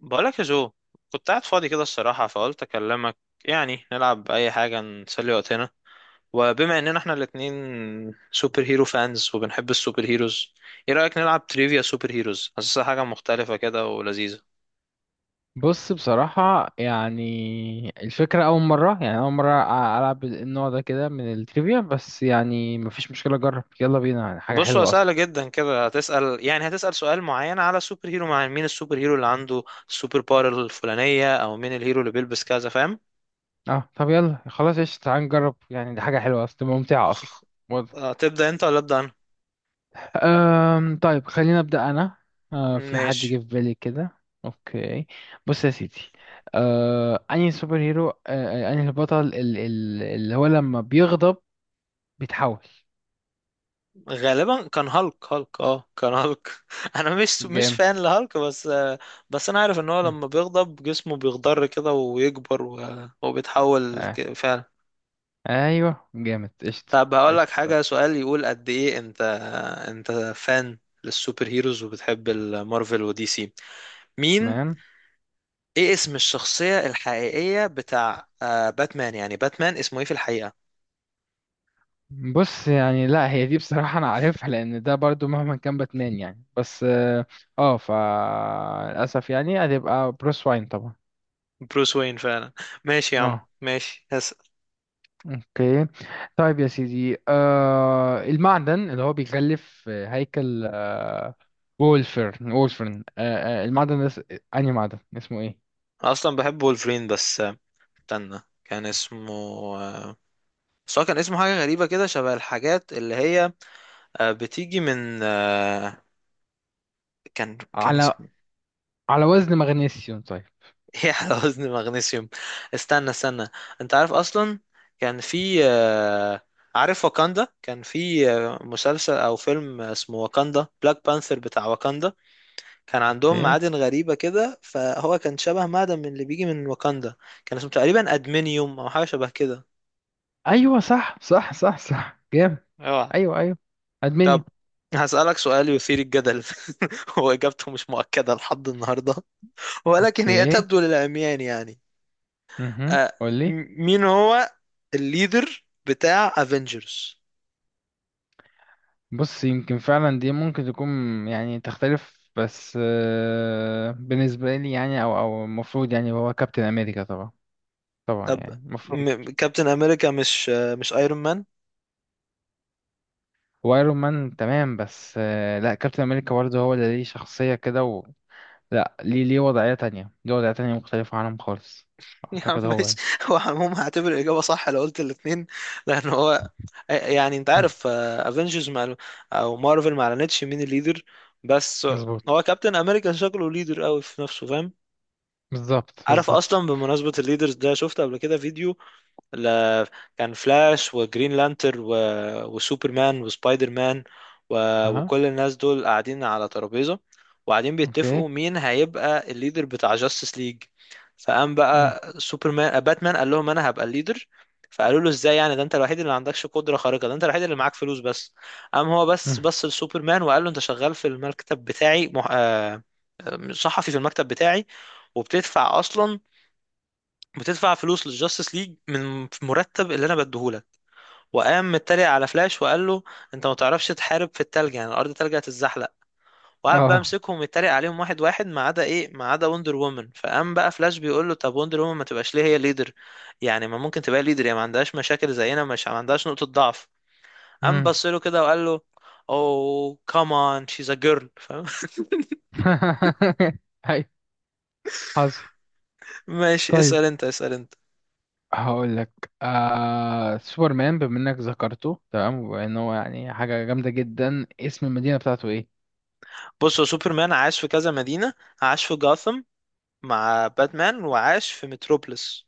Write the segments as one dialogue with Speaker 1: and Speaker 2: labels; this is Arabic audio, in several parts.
Speaker 1: بقولك يا جو، كنت قاعد فاضي كده الصراحة، فقلت أكلمك. يعني نلعب أي حاجة نسلي وقتنا، وبما إننا إحنا الاتنين سوبر هيرو فانز وبنحب السوبر هيروز، إيه رأيك نلعب تريفيا سوبر هيروز؟ حاسسها حاجة مختلفة كده ولذيذة.
Speaker 2: بص، بصراحة يعني الفكرة أول مرة يعني أول مرة أ- ألعب النوع ده كده من التريفيا. بس يعني مفيش مشكلة، أجرب، يلا بينا، يعني حاجة
Speaker 1: بص، هو
Speaker 2: حلوة أصلا.
Speaker 1: سهلة جدا كده، هتسأل يعني هتسأل سؤال معين على سوبر هيرو، مع مين السوبر هيرو اللي عنده السوبر باور الفلانية، أو مين الهيرو اللي بيلبس كذا، فاهم؟
Speaker 2: أه، طب يلا خلاص قشطة، تعال نجرب، يعني دي حاجة حلوة أصلا، تبقى ممتعة أصلا. واضح.
Speaker 1: تبدأ أنت ولا أبدأ أنا؟
Speaker 2: طيب، خليني أبدأ أنا. أه، في حد جه
Speaker 1: ماشي.
Speaker 2: في بالي كده. أوكي. بص يا سيدي. أه أنهي سوبر هيرو أه آه، أنهي البطل اللي هو لما بيغضب بيتحول.
Speaker 1: غالبا كان هالك هالك اه كان هالك انا مش
Speaker 2: جامد.
Speaker 1: فان لهالك، بس بس انا عارف ان هو
Speaker 2: مم.
Speaker 1: لما بيغضب جسمه بيخضر كده ويكبر و- وبيتحول فعلا.
Speaker 2: ايوه، جامد، قشطة.
Speaker 1: طب هقول لك
Speaker 2: قشطة، صح.
Speaker 1: حاجة، سؤال يقول قد ايه انت فان للسوبر هيروز وبتحب المارفل ودي سي؟ مين
Speaker 2: تمام.
Speaker 1: ايه اسم الشخصية الحقيقية بتاع باتمان؟ يعني باتمان اسمه ايه في الحقيقة؟
Speaker 2: بص، يعني لا، هي دي بصراحة أنا عارفها، لأن ده برضو مهما كان باتمان يعني. بس اه آه، فا للأسف يعني هتبقى بروس واين طبعا.
Speaker 1: بروس وين فعلا. ماشي يا عم،
Speaker 2: اه.
Speaker 1: ماشي هسأل.
Speaker 2: اوكي. طيب يا سيدي، المعدن اللي هو بيغلف هيكل وولفرن، أنهي معدن؟ اسمه ايه؟
Speaker 1: أنا اصلا بحب وولفرين، بس استنى كان اسمه آه، بس هو كان اسمه حاجة غريبة كده، شبه الحاجات اللي هي بتيجي من كان
Speaker 2: على
Speaker 1: اسمه.
Speaker 2: على وزن مغنيسيوم. طيب.
Speaker 1: ايه على وزن مغنيسيوم؟ استنى استنى، انت عارف اصلا، كان في عارف واكاندا؟ كان في مسلسل او فيلم اسمه واكاندا، بلاك بانثر بتاع واكاندا، كان عندهم
Speaker 2: اوكي.
Speaker 1: معادن غريبة كده، فهو كان شبه معدن من اللي بيجي من واكاندا، كان اسمه تقريبا ادمنيوم او حاجة شبه كده.
Speaker 2: ايوه، صح صح صح صح، جامد.
Speaker 1: اوعى.
Speaker 2: ايوه ايوه.
Speaker 1: طب
Speaker 2: ادمنيوم.
Speaker 1: هسألك سؤال يثير الجدل، وإجابته مش مؤكدة لحد النهاردة، ولكن هي
Speaker 2: اوكي.
Speaker 1: تبدو للعميان يعني. آه
Speaker 2: قول لي.
Speaker 1: م- مين هو الليدر بتاع افنجرز؟
Speaker 2: بص، يمكن فعلا دي ممكن تكون يعني تختلف، بس بالنسبه لي يعني، او المفروض يعني هو كابتن امريكا طبعا. طبعا
Speaker 1: طب
Speaker 2: يعني المفروض.
Speaker 1: كابتن امريكا مش ايرون مان؟
Speaker 2: وايرون مان، تمام، بس لا، كابتن امريكا برضه هو اللي ليه شخصيه كده. و... لا، ليه وضعيه تانية، ليه وضعيه تانية مختلفه عنهم خالص.
Speaker 1: يا عم
Speaker 2: اعتقد هو
Speaker 1: ماشي،
Speaker 2: يعني.
Speaker 1: هو عموما هعتبر الاجابه صح لو قلت الاثنين، لان هو يعني انت
Speaker 2: مم.
Speaker 1: عارف افنجرز مع مارفل ما اعلنتش مين الليدر، بس هو
Speaker 2: مظبوط.
Speaker 1: كابتن امريكا شكله ليدر قوي في نفسه، فاهم.
Speaker 2: بالظبط،
Speaker 1: عارف
Speaker 2: بالظبط.
Speaker 1: اصلا، بمناسبه الليدرز ده، شفت قبل كده فيديو ل... كان فلاش وجرين لانتر و... وسوبرمان وسبايدر مان و...
Speaker 2: اها.
Speaker 1: وكل الناس دول قاعدين على ترابيزه، وقاعدين
Speaker 2: اوكي.
Speaker 1: بيتفقوا مين هيبقى الليدر بتاع جاستس ليج. فقام بقى سوبرمان، باتمان قال لهم انا هبقى الليدر، فقالوا له ازاي يعني؟ ده انت الوحيد اللي ما عندكش قدره خارقه، ده انت الوحيد اللي معاك فلوس بس. قام هو بس
Speaker 2: مم.
Speaker 1: بص لسوبرمان وقال له انت شغال في المكتب بتاعي مح... آه، صحفي في المكتب بتاعي، وبتدفع اصلا، بتدفع فلوس للجاستس ليج من مرتب اللي انا بديهولك. وقام متريق على فلاش وقال له انت ما تعرفش تحارب في التلج، يعني الارض تلج هتتزحلق. وقعد بقى
Speaker 2: اه.
Speaker 1: امسكهم يتريق عليهم واحد واحد، ما عدا ايه، ما عدا وندر وومن. فقام بقى فلاش بيقول له، طب وندر وومن ما تبقاش ليه هي ليدر؟ يعني ما ممكن تبقى ليدر، يعني ما عندهاش مشاكل زينا، مش ما عندهاش نقطة ضعف. قام
Speaker 2: مم.
Speaker 1: بص له كده وقال له، اوه كمان شيز ا جيرل، فاهم؟
Speaker 2: هاي. حصل.
Speaker 1: ماشي
Speaker 2: طيب،
Speaker 1: اسأل انت، اسأل انت.
Speaker 2: هقول لك سوبرمان، بما انك ذكرته، تمام، وان هو يعني حاجه جامده جدا. اسم المدينه بتاعته ايه؟
Speaker 1: بص، هو سوبرمان عاش في كذا مدينة، عاش في جاثم مع باتمان، وعاش في متروبوليس.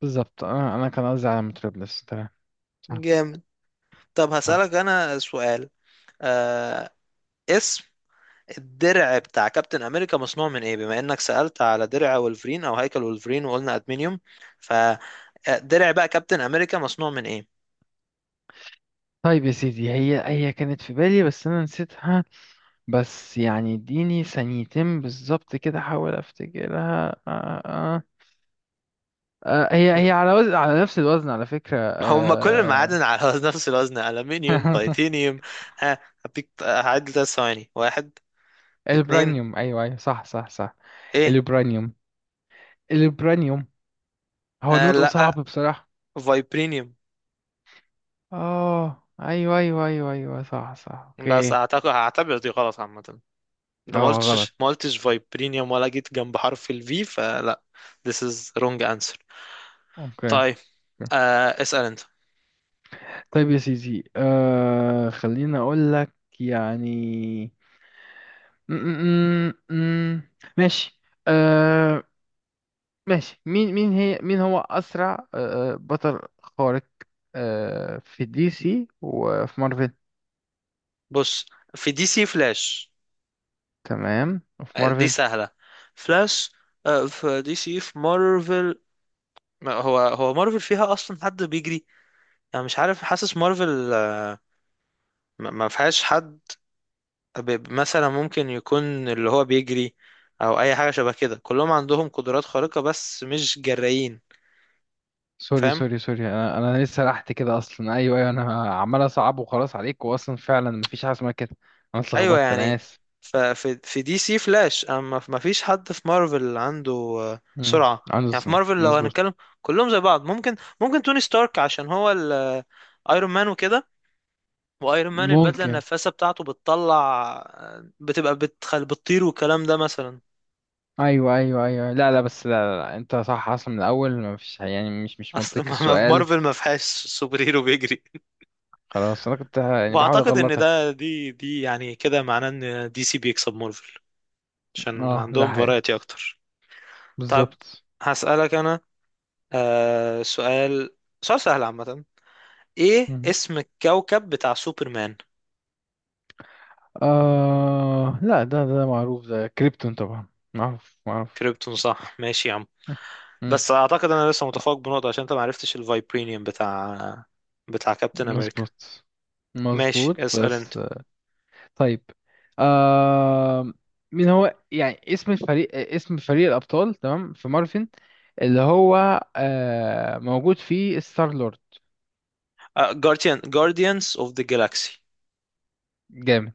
Speaker 2: بالظبط، انا كان قصدي على متروبوليس. تمام. صح.
Speaker 1: جامد. طب
Speaker 2: صح.
Speaker 1: هسألك أنا سؤال، آه، اسم الدرع بتاع كابتن أمريكا مصنوع من إيه، بما إنك سألت على درع ولفرين أو هيكل ولفرين وقلنا أدمنيوم، فدرع بقى كابتن أمريكا مصنوع من إيه؟
Speaker 2: طيب يا سيدي، هي كانت في بالي، بس انا نسيتها. بس يعني اديني ثانيتين بالظبط كده، احاول افتكرها. هي على نفس الوزن، على فكره
Speaker 1: هم كل
Speaker 2: آه
Speaker 1: المعادن على نفس الوزن، ألمنيوم تيتانيوم. آه، هديك هعد 3 ثواني. واحد، اتنين،
Speaker 2: البرانيوم. ايوه ايوه، صح صح صح.
Speaker 1: إيه؟
Speaker 2: البرانيوم. البرانيوم، هو نطقه صعب
Speaker 1: لأ،
Speaker 2: بصراحة.
Speaker 1: فايبرينيوم.
Speaker 2: اه، ايوه ايوه ايوه ايوه، صح صح،
Speaker 1: بس
Speaker 2: اوكي.
Speaker 1: أعتقد هعتبر دي غلط عامة، انت ما
Speaker 2: اه، غلط.
Speaker 1: قلتش فايبرينيوم ولا جيت جنب حرف الفي، فلا. This is wrong answer.
Speaker 2: اوكي.
Speaker 1: طيب، اسأل انت.
Speaker 2: طيب يا سيدي، خليني اقول لك، يعني. م- م- م- م. ماشي. آه ماشي، مين هو اسرع بطل خارق في دي سي وفي مارفل؟
Speaker 1: بص، في دي سي فلاش.
Speaker 2: تمام، وفي
Speaker 1: دي
Speaker 2: مارفل؟
Speaker 1: سهلة، فلاش. في دي سي، في مارفل ما هو، هو مارفل فيها اصلا حد بيجري؟ انا مش عارف، حاسس مارفل ما فيهاش حد. مثلا ممكن يكون اللي هو بيجري، او اي حاجة شبه كده. كلهم عندهم قدرات خارقة بس مش جرايين،
Speaker 2: سوري
Speaker 1: فاهم؟
Speaker 2: سوري سوري، انا لسه سرحت كده اصلا. ايوه ايوه، انا عمال اصعب وخلاص عليك، واصلا فعلا مفيش حاجه اسمها كده. انا
Speaker 1: ايوه
Speaker 2: اتلخبطت، انا
Speaker 1: يعني
Speaker 2: اسف.
Speaker 1: في دي سي فلاش، اما ما فيش حد في مارفل عنده سرعه.
Speaker 2: عنده
Speaker 1: يعني في
Speaker 2: سنة.
Speaker 1: مارفل لو
Speaker 2: مظبوط.
Speaker 1: هنتكلم كلهم زي بعض، ممكن توني ستارك عشان هو الايرون مان وكده، وايرون مان البدله
Speaker 2: ممكن.
Speaker 1: النفاثه بتاعته بتطلع بتبقى بتخل بتطير، والكلام ده مثلا.
Speaker 2: ايوه ايوه ايوه، لا لا، بس لا، لا، لا. انت صح اصلا من الاول، مفيش يعني، مش
Speaker 1: اصل
Speaker 2: منطقي
Speaker 1: ما في
Speaker 2: السؤال.
Speaker 1: مارفل، ما فيهاش سوبر هيرو بيجري.
Speaker 2: خلاص، انا كنت يعني بحاول
Speaker 1: واعتقد ان
Speaker 2: اغلطك.
Speaker 1: ده دي يعني كده معناه ان دي سي بيكسب مارفل عشان
Speaker 2: اه، ده
Speaker 1: عندهم
Speaker 2: حقيقي.
Speaker 1: فرايتي اكتر. طب
Speaker 2: بالظبط.
Speaker 1: هسألك انا سؤال، سؤال سهل عامة، ايه
Speaker 2: مم.
Speaker 1: اسم الكوكب بتاع سوبرمان؟
Speaker 2: لا، ده معروف، ده كريبتون طبعا. معروف، معروف.
Speaker 1: كريبتون، صح، ماشي يا عم.
Speaker 2: مم. مم.
Speaker 1: بس اعتقد انا لسه متفوق بنقطة، عشان انت معرفتش الفايبرينيوم بتاع كابتن امريكا.
Speaker 2: مظبوط.
Speaker 1: ماشي
Speaker 2: مظبوط،
Speaker 1: اسأل انت.
Speaker 2: بس. طيب. آه... مين هو يعني اسم الفريق، اسم فريق الأبطال، تمام، في مارفن، اللي هو موجود فيه ستار لورد؟
Speaker 1: جارديانز اوف ذا جالاكسي.
Speaker 2: جامد.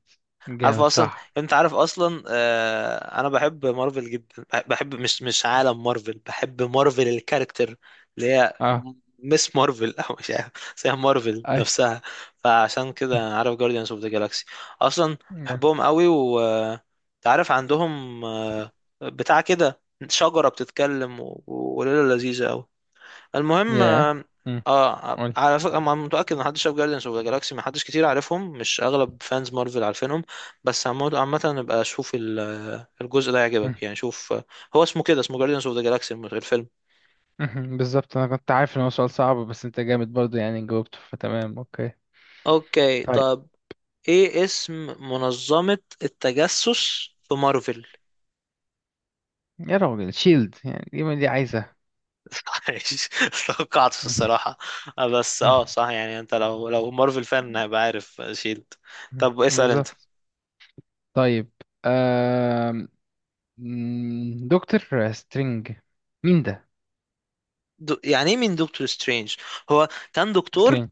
Speaker 1: عارف
Speaker 2: جامد،
Speaker 1: اصلا،
Speaker 2: صح.
Speaker 1: انت عارف اصلا، انا بحب مارفل جدا، بحب مش عالم مارفل، بحب مارفل الكاركتر، اللي هي
Speaker 2: اه.
Speaker 1: مس مارفل او مش عارف، بس هي مارفل
Speaker 2: اي.
Speaker 1: نفسها. فعشان كده عارف جارديانز اوف ذا جالاكسي اصلا،
Speaker 2: يا.
Speaker 1: بحبهم قوي، و أنت عارف عندهم، بتاع كده، شجرة بتتكلم، و- وليلة لذيذة قوي، المهم.
Speaker 2: يا. مم. قول.
Speaker 1: على فكرة أنا متأكد إن محدش شاف جارديانز أوف ذا جالاكسي، محدش كتير عارفهم، مش أغلب فانز مارفل عارفينهم. بس عامة نبقى شوف الجزء ده
Speaker 2: مم.
Speaker 1: يعجبك، يعني شوف، هو اسمه كده، اسمه جارديانز أوف ذا جالاكسي الفيلم.
Speaker 2: مم. بالظبط، انا كنت عارف ان هو سؤال صعب، بس انت جامد برضو يعني، جاوبته، فتمام، اوكي.
Speaker 1: أوكي.
Speaker 2: طيب.
Speaker 1: طب إيه اسم منظمة التجسس في مارفل؟
Speaker 2: يا راجل، شيلد يعني، دي ما دي عايزة.
Speaker 1: عايش. توقعتش
Speaker 2: مم.
Speaker 1: الصراحة. بس
Speaker 2: مم.
Speaker 1: صح، يعني انت لو مارفل فان هيبقى عارف شيلد.
Speaker 2: مم.
Speaker 1: طب اسأل انت.
Speaker 2: بالظبط. طيب. دكتور سترينج، مين ده؟
Speaker 1: يعني ايه مين دكتور سترينج؟ هو كان دكتور.
Speaker 2: سترينج.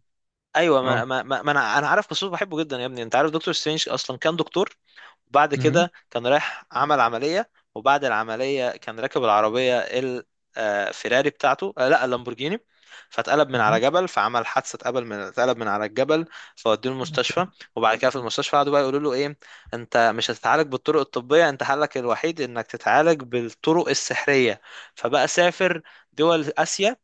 Speaker 1: ايوه، ما,
Speaker 2: اه.
Speaker 1: ما, ما ما انا عارف، بس بحبه جدا يا ابني. انت عارف دكتور سترينج اصلا كان دكتور، بعد
Speaker 2: مهم.
Speaker 1: كده كان رايح عمل عمليه، وبعد العمليه كان راكب العربيه الفيراري بتاعته، لا، اللامبورجيني، فاتقلب من على
Speaker 2: مهم.
Speaker 1: جبل، فعمل حادثه، اتقلب من على الجبل، فودوه
Speaker 2: اوكي.
Speaker 1: المستشفى. وبعد كده في المستشفى قعدوا بقى يقولوا له ايه، انت مش هتتعالج بالطرق الطبيه، انت حلك الوحيد انك تتعالج بالطرق السحريه. فبقى سافر دول اسيا،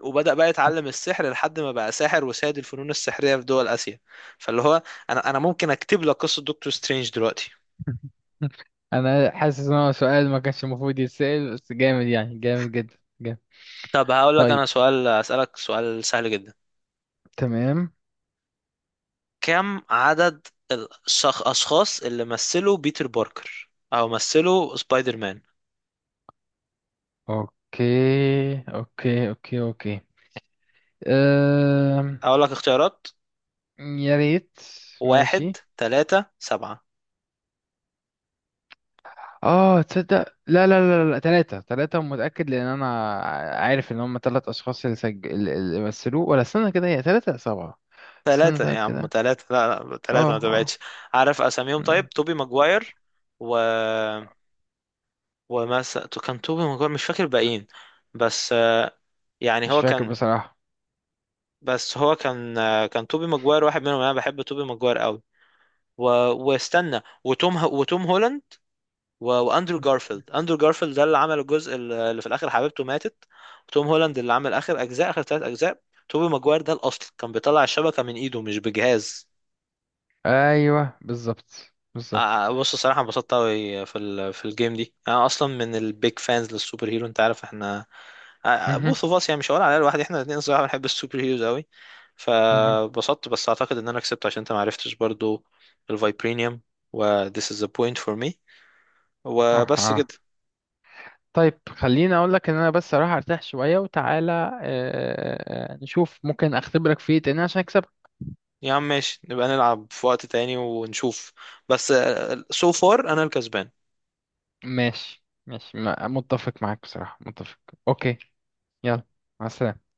Speaker 1: وبدأ بقى يتعلم السحر لحد ما بقى ساحر وسيد الفنون السحرية في دول آسيا. فاللي هو أنا ممكن أكتب لك قصة دكتور سترينج دلوقتي.
Speaker 2: انا حاسس ان هو سؤال ما كانش المفروض يتسأل، بس جامد يعني، جامد جدا جامد.
Speaker 1: طب هقول لك
Speaker 2: طيب.
Speaker 1: أنا سؤال أسألك سؤال سهل جدا،
Speaker 2: تمام.
Speaker 1: كم عدد الأشخاص اللي مثلوا بيتر باركر أو مثلوا سبايدر مان؟
Speaker 2: اوكي، اوكي، اوكي، اوكي. أم...
Speaker 1: أقول لك اختيارات،
Speaker 2: يا ريت.
Speaker 1: واحد،
Speaker 2: ماشي.
Speaker 1: تلاتة، سبعة.
Speaker 2: اه، تصدق؟ لا لا. لا لا، ثلاثة ثلاثة، متأكد، لأن أنا عارف إن هم ثلاث أشخاص اللي اللي مثلوه. ولا استنى كده، هي ثلاثة سبعة؟ استنى
Speaker 1: تلاتة
Speaker 2: طيب
Speaker 1: يا عم،
Speaker 2: كده.
Speaker 1: تلاتة، لا لا،
Speaker 2: اه.
Speaker 1: تلاتة ما
Speaker 2: اه.
Speaker 1: تبعدش. عارف أساميهم؟ طيب
Speaker 2: مم.
Speaker 1: توبي ماجواير، و كان توبي ماجواير، مش فاكر باقيين بس. يعني
Speaker 2: مش
Speaker 1: هو
Speaker 2: فاكر
Speaker 1: كان،
Speaker 2: بصراحة.
Speaker 1: كان توبي ماجواير واحد منهم، انا بحب توبي ماجواير قوي، و... واستنى، وتوم هولاند، و... واندرو جارفيلد. اندرو جارفيلد ده اللي عمل الجزء اللي في الاخر، حبيبته ماتت. وتوم هولاند اللي عمل اخر 3 اجزاء. توبي ماجواير ده الاصل، كان بيطلع الشبكه من ايده مش بجهاز.
Speaker 2: ايوه، بالظبط، بالظبط.
Speaker 1: بص الصراحة انبسطت أوي في ال في الجيم دي. أنا أصلا من البيج فانز للسوبر هيرو، أنت عارف احنا
Speaker 2: مهم.
Speaker 1: بوث اوف اس، يعني مش هقول عليها لوحدي، احنا الاتنين الصراحة بنحب السوبر هيروز أوي.
Speaker 2: مهم.
Speaker 1: فبسطت، بس أعتقد إن أنا كسبت، عشان أنت معرفتش برضو الفايبرينيوم، و this is the point for me،
Speaker 2: اه،
Speaker 1: وبس
Speaker 2: اه.
Speaker 1: كده.
Speaker 2: طيب، خليني اقول لك ان انا بس اروح ارتاح شوية وتعالى، نشوف ممكن اختبرك في ايه تاني عشان اكسبك.
Speaker 1: يا عم ماشي، نبقى نلعب في وقت تاني ونشوف، بس so far أنا الكسبان.
Speaker 2: ماشي ماشي، متفق معاك بصراحة، متفق. اوكي. يلا. مع السلامة.